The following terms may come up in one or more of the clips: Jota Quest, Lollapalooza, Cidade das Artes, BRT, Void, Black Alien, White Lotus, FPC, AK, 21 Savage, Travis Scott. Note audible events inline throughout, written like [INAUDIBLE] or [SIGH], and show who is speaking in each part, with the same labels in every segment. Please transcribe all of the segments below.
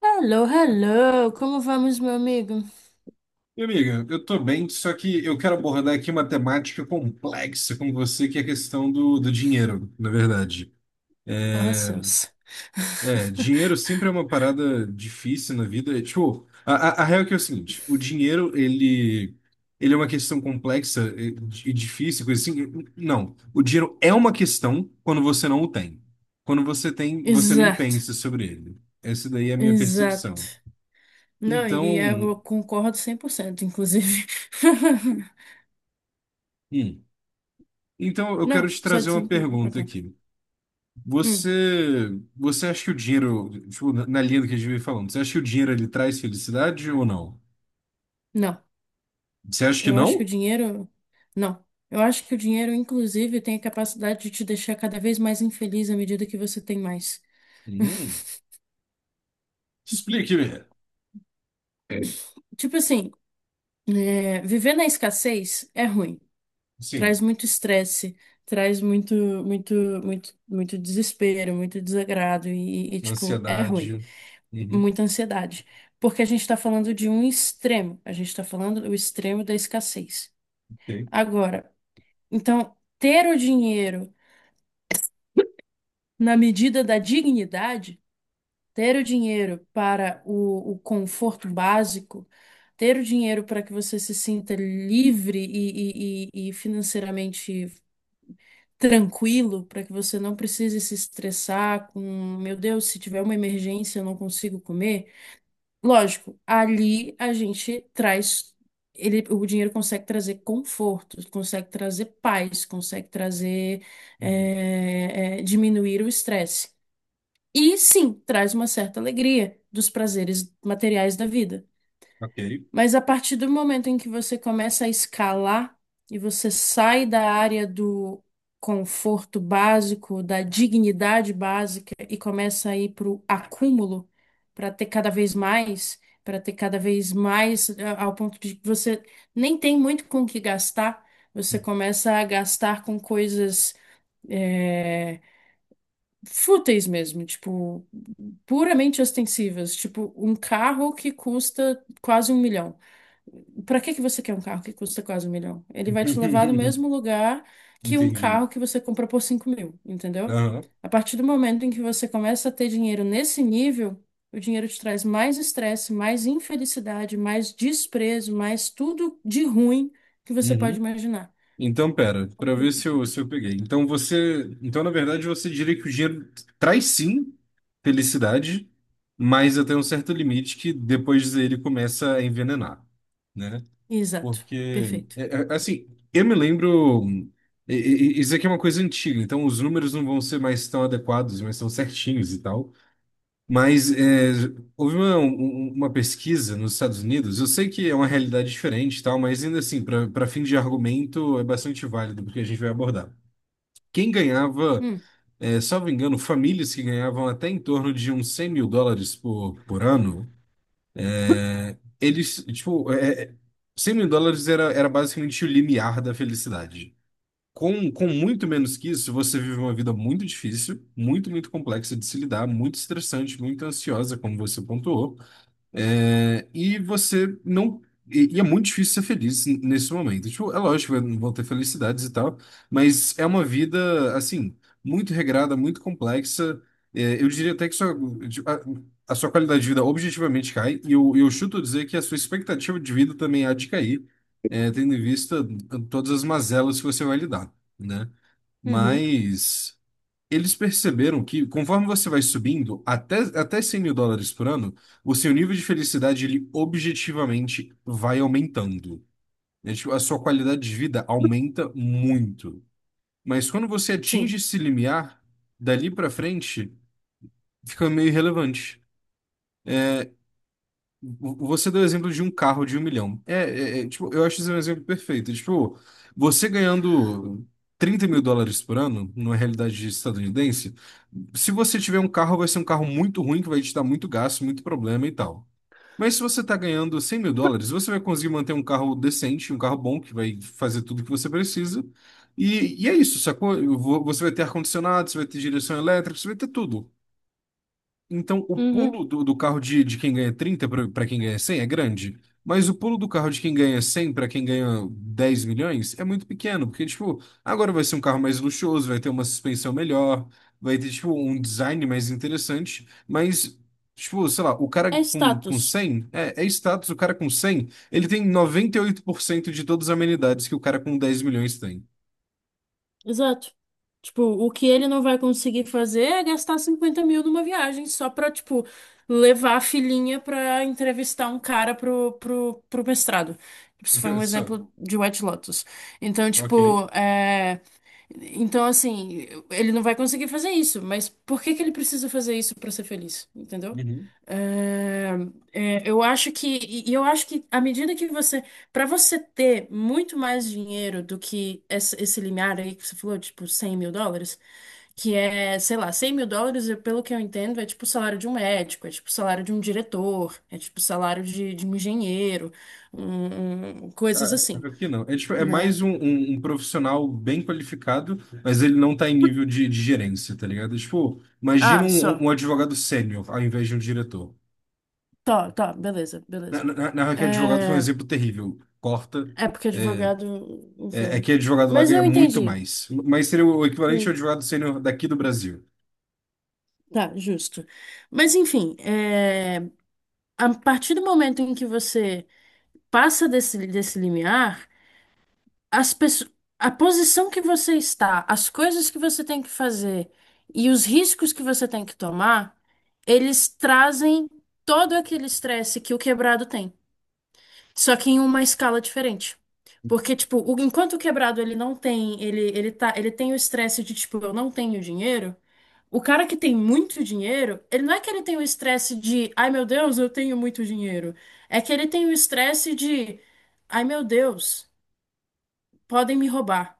Speaker 1: Hello, hello! Como vamos, meu amigo?
Speaker 2: Minha amiga, eu tô bem, só que eu quero abordar aqui uma temática complexa com você, que é a questão do dinheiro, na verdade.
Speaker 1: Oh, céus.
Speaker 2: É, dinheiro
Speaker 1: [LAUGHS]
Speaker 2: sempre é uma parada difícil na vida. É, tipo, a real é que é o seguinte. O dinheiro, ele é uma questão complexa e difícil, coisa assim. Não, o dinheiro é uma questão quando você não o tem. Quando você tem, você nem
Speaker 1: Exato,
Speaker 2: pensa sobre ele. Essa daí é a minha
Speaker 1: exato.
Speaker 2: percepção.
Speaker 1: Não, e
Speaker 2: Então,
Speaker 1: eu concordo 100%, inclusive. [LAUGHS]
Speaker 2: hum. Então, eu quero
Speaker 1: Não,
Speaker 2: te
Speaker 1: só
Speaker 2: trazer uma
Speaker 1: dizendo que. Ah,
Speaker 2: pergunta
Speaker 1: tá.
Speaker 2: aqui. Você,
Speaker 1: Hum,
Speaker 2: você acha que o dinheiro, tipo, na linha do que a gente vem falando, você acha que o dinheiro ele traz felicidade ou não?
Speaker 1: não,
Speaker 2: Você acha que
Speaker 1: eu acho que o
Speaker 2: não?
Speaker 1: dinheiro. Não, eu acho que o dinheiro, inclusive, tem a capacidade de te deixar cada vez mais infeliz à medida que você tem mais.
Speaker 2: Hum. Explique.
Speaker 1: Tipo assim, viver na escassez é ruim.
Speaker 2: Sim,
Speaker 1: Traz muito estresse, traz muito, muito, muito, muito desespero, muito desagrado e, tipo, é ruim,
Speaker 2: ansiedade. Uhum.
Speaker 1: muita ansiedade. Porque a gente está falando de um extremo, a gente está falando do extremo da escassez.
Speaker 2: Ok.
Speaker 1: Agora, então, ter o dinheiro na medida da dignidade, ter o dinheiro para o conforto básico, ter o dinheiro para que você se sinta livre e financeiramente tranquilo para que você não precise se estressar com, meu Deus, se tiver uma emergência, eu não consigo comer. Lógico, ali a gente traz ele, o dinheiro consegue trazer conforto, consegue trazer paz, consegue trazer
Speaker 2: Uhum.
Speaker 1: diminuir o estresse. E sim, traz uma certa alegria dos prazeres materiais da vida.
Speaker 2: Ok.
Speaker 1: Mas a partir do momento em que você começa a escalar e você sai da área do conforto básico, da dignidade básica e começa a ir para o acúmulo, para ter cada vez mais, para ter cada vez mais, ao ponto de que você nem tem muito com o que gastar, você começa a gastar com coisas. eh, fúteis mesmo, tipo, puramente ostensivas, tipo um carro que custa quase 1 milhão. Para que que você quer um carro que custa quase um milhão? Ele vai te levar no mesmo lugar
Speaker 2: [LAUGHS]
Speaker 1: que um
Speaker 2: Entendi.
Speaker 1: carro que você compra por 5 mil, entendeu?
Speaker 2: Aham.
Speaker 1: A partir do momento em que você começa a ter dinheiro nesse nível, o dinheiro te traz mais estresse, mais infelicidade, mais desprezo, mais tudo de ruim que você pode
Speaker 2: Uhum.
Speaker 1: imaginar.
Speaker 2: Então, pera, para ver se eu peguei. Então na verdade você diria que o dinheiro traz sim felicidade, mas até um certo limite que depois ele começa a envenenar, né?
Speaker 1: Exato.
Speaker 2: Porque,
Speaker 1: Perfeito.
Speaker 2: é assim, eu me lembro. e- Isso aqui é uma coisa antiga, então os números não vão ser mais tão adequados, mas tão certinhos e tal. Mas é, houve uma pesquisa nos Estados Unidos. Eu sei que é uma realidade diferente e tal, mas ainda assim, para fim de argumento, é bastante válido porque a gente vai abordar. Quem ganhava,
Speaker 1: Hum,
Speaker 2: é, salvo engano, famílias que ganhavam até em torno de uns 100 mil dólares por ano. Eles, tipo, é, 100 mil dólares era basicamente o limiar da felicidade. Com muito menos que isso, você vive uma vida muito difícil, muito, muito complexa de se lidar, muito estressante, muito ansiosa, como você pontuou. É, e você não. E é muito difícil ser feliz nesse momento. Tipo, é lógico, vão ter felicidades e tal, mas é uma vida, assim, muito regrada, muito complexa. É, eu diria até que sua, tipo, a sua qualidade de vida objetivamente cai, e eu chuto dizer que a sua expectativa de vida também há de cair, é, tendo em vista todas as mazelas que você vai lidar, né?
Speaker 1: uhum,
Speaker 2: Mas. Eles perceberam que, conforme você vai subindo até 100 mil dólares por ano, o seu nível de felicidade, ele objetivamente vai aumentando. É, tipo, a sua qualidade de vida aumenta muito. Mas quando você atinge
Speaker 1: sim.
Speaker 2: esse limiar, dali pra frente, fica meio irrelevante. Você deu o exemplo de um carro de um milhão. É, tipo, eu acho isso um exemplo perfeito. Tipo, você ganhando 30 mil dólares por ano, numa realidade estadunidense. Se você tiver um carro, vai ser um carro muito ruim, que vai te dar muito gasto, muito problema e tal. Mas se você está ganhando 100 mil dólares, você vai conseguir manter um carro decente, um carro bom, que vai fazer tudo que você precisa. E é isso, sacou? Você vai ter ar-condicionado, você vai ter direção elétrica, você vai ter tudo. Então, o
Speaker 1: Uhum.
Speaker 2: pulo do carro de quem ganha 30 para quem ganha 100 é grande, mas o pulo do carro de quem ganha 100 para quem ganha 10 milhões é muito pequeno, porque, tipo, agora vai ser um carro mais luxuoso, vai ter uma suspensão melhor, vai ter, tipo, um design mais interessante, mas, tipo, sei lá, o cara
Speaker 1: É
Speaker 2: com
Speaker 1: status.
Speaker 2: 100 é status. O cara com 100 ele tem 98% de todas as amenidades que o cara com 10 milhões tem.
Speaker 1: Exato. Tipo, o que ele não vai conseguir fazer é gastar 50 mil numa viagem só pra, tipo, levar a filhinha pra entrevistar um cara pro mestrado. Tipo, isso foi
Speaker 2: [LAUGHS]
Speaker 1: um
Speaker 2: Só,
Speaker 1: exemplo de White Lotus. Então,
Speaker 2: ok.
Speaker 1: tipo, é. Então, assim, ele não vai conseguir fazer isso, mas por que que ele precisa fazer isso pra ser feliz? Entendeu? É, eu acho que, e eu acho que à medida que você, pra você ter muito mais dinheiro do que esse limiar aí que você falou, tipo 100 mil dólares, que é, sei lá, 100 mil dólares, pelo que eu entendo, é tipo o salário de um médico, é tipo o salário de um diretor, é tipo o salário de um engenheiro, coisas
Speaker 2: Ah,
Speaker 1: assim,
Speaker 2: aqui não. É, tipo, é
Speaker 1: né?
Speaker 2: mais um profissional bem qualificado, mas ele não tá em nível de gerência, tá ligado? Tipo, imagina
Speaker 1: Ah, só.
Speaker 2: um advogado sênior ao invés de um diretor.
Speaker 1: Tá, tá, beleza,
Speaker 2: Na,
Speaker 1: beleza.
Speaker 2: na, na real que é advogado foi um
Speaker 1: É,
Speaker 2: exemplo terrível. Corta.
Speaker 1: é porque
Speaker 2: É,
Speaker 1: advogado,
Speaker 2: É
Speaker 1: enfim.
Speaker 2: que advogado lá
Speaker 1: Mas
Speaker 2: ganha
Speaker 1: eu
Speaker 2: muito
Speaker 1: entendi.
Speaker 2: mais. Mas seria o equivalente ao
Speaker 1: Sim.
Speaker 2: advogado sênior daqui do Brasil.
Speaker 1: Tá, justo. Mas enfim, a partir do momento em que você passa desse limiar, as pessoas, a posição que você está, as coisas que você tem que fazer e os riscos que você tem que tomar, eles trazem todo aquele estresse que o quebrado tem. Só que em uma escala diferente. Porque, tipo, enquanto o quebrado ele não tem, ele tá, ele tem o estresse de, tipo, eu não tenho dinheiro, o cara que tem muito dinheiro, ele não é que ele tem o estresse de, ai meu Deus, eu tenho muito dinheiro. É que ele tem o estresse de, ai meu Deus podem me roubar.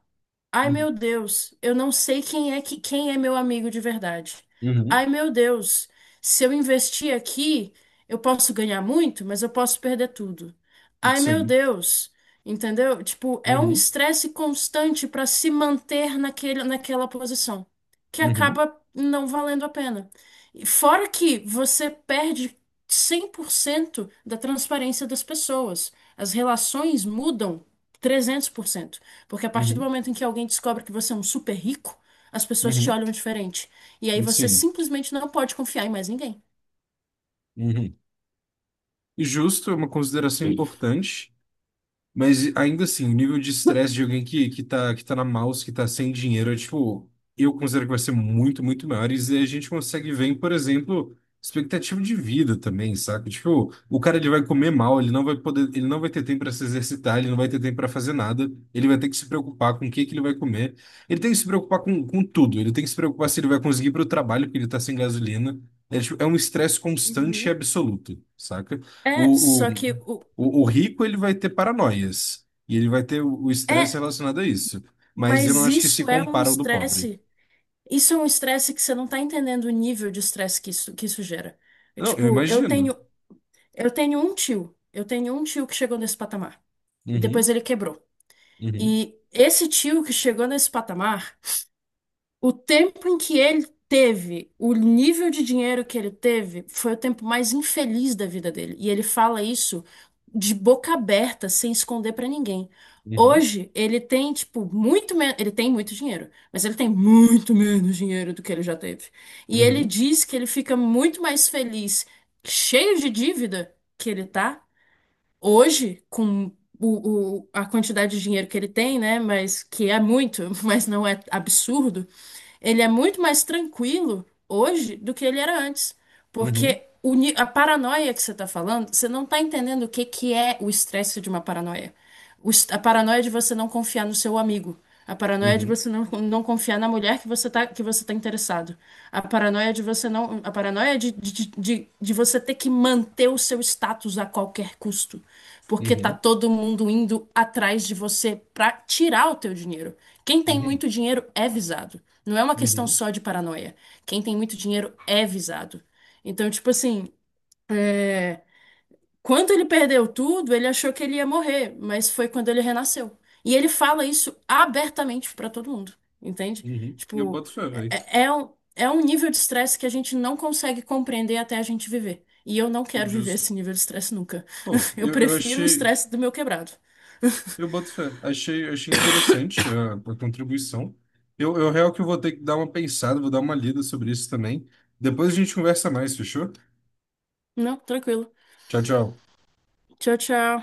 Speaker 1: Ai, meu
Speaker 2: Uhum.
Speaker 1: Deus, eu não sei quem é que quem é meu amigo de verdade.
Speaker 2: Uhum.
Speaker 1: Ai, meu Deus, se eu investir aqui, eu posso ganhar muito, mas eu posso perder tudo. Ai, meu
Speaker 2: Sim.
Speaker 1: Deus, entendeu? Tipo, é um
Speaker 2: Uhum.
Speaker 1: estresse constante para se manter naquele, naquela posição, que
Speaker 2: Uhum.
Speaker 1: acaba não valendo a pena. E fora que você perde 100% da transparência das pessoas. As relações mudam 300%. Porque a partir do
Speaker 2: Uhum.
Speaker 1: momento em que alguém descobre que você é um super rico, as pessoas te
Speaker 2: Uhum.
Speaker 1: olham diferente. E aí você
Speaker 2: Sim.
Speaker 1: simplesmente não pode confiar em mais ninguém.
Speaker 2: Uhum. E justo é uma consideração importante. Mas ainda assim, o nível de estresse de alguém que tá na mouse, que tá sem dinheiro, é, tipo, eu considero que vai ser muito, muito maior. E a gente consegue ver, em, por exemplo, expectativa de vida também, saca? Tipo, o cara ele vai comer mal, ele não vai poder, ele não vai ter tempo para se exercitar, ele não vai ter tempo para fazer nada, ele vai ter que se preocupar com o que que ele vai comer. Ele tem que se preocupar com tudo, ele tem que se preocupar se ele vai conseguir ir pro trabalho, porque ele tá sem gasolina. É, tipo, é um estresse constante e
Speaker 1: Uhum.
Speaker 2: absoluto, saca? O,
Speaker 1: Só
Speaker 2: o-
Speaker 1: que o
Speaker 2: o rico ele vai ter paranoias e ele vai ter o estresse
Speaker 1: é,
Speaker 2: relacionado a isso. Mas eu não
Speaker 1: mas
Speaker 2: acho que se
Speaker 1: isso é um
Speaker 2: compara ao do pobre.
Speaker 1: estresse. Isso é um estresse que você não tá entendendo o nível de estresse que isso gera. É,
Speaker 2: Não, eu
Speaker 1: tipo,
Speaker 2: imagino.
Speaker 1: eu tenho um tio, eu tenho um tio que chegou nesse patamar e
Speaker 2: Uhum,
Speaker 1: depois ele quebrou.
Speaker 2: uhum,
Speaker 1: E esse tio que chegou nesse patamar, o tempo em que ele teve, o nível de dinheiro que ele teve, foi o tempo mais infeliz da vida dele. E ele fala isso de boca aberta, sem esconder pra ninguém.
Speaker 2: uhum,
Speaker 1: Hoje ele tem, tipo, muito menos. Ele tem muito dinheiro, mas ele tem muito menos dinheiro do que ele já teve. E ele
Speaker 2: uhum,
Speaker 1: diz que ele fica muito mais feliz, cheio de dívida que ele tá, hoje, com a quantidade de dinheiro que ele tem, né? Mas que é muito, [LAUGHS] mas não é absurdo, ele é muito mais tranquilo hoje do que ele era antes.
Speaker 2: uhum,
Speaker 1: Porque a paranoia que você está falando, você não está entendendo o que, que é o estresse de uma paranoia. A paranoia de você não confiar no seu amigo. A paranoia de
Speaker 2: uhum,
Speaker 1: você não, não confiar na mulher que você tá interessado. A paranoia de você não, a paranoia de você ter que manter o seu status a qualquer custo porque tá
Speaker 2: uhum,
Speaker 1: todo mundo indo atrás de você pra tirar o teu dinheiro. Quem tem
Speaker 2: uhum,
Speaker 1: muito dinheiro é visado. Não é uma questão
Speaker 2: uhum,
Speaker 1: só de paranoia. Quem tem muito dinheiro é visado. Então, tipo assim, quando ele perdeu tudo, ele achou que ele ia morrer, mas foi quando ele renasceu. E ele fala isso abertamente pra todo mundo, entende?
Speaker 2: uhum. Eu
Speaker 1: Tipo,
Speaker 2: boto fé, velho.
Speaker 1: é um nível de estresse que a gente não consegue compreender até a gente viver. E eu não quero viver
Speaker 2: Justo.
Speaker 1: esse nível de estresse nunca.
Speaker 2: Bom,
Speaker 1: [LAUGHS] Eu
Speaker 2: eu
Speaker 1: prefiro o
Speaker 2: achei.
Speaker 1: estresse do meu quebrado.
Speaker 2: Eu boto fé. Achei interessante a contribuição. Eu real que eu vou ter que dar uma pensada, vou dar uma lida sobre isso também. Depois a gente conversa mais, fechou?
Speaker 1: Não, tranquilo.
Speaker 2: Tchau, tchau.
Speaker 1: Tchau, tchau.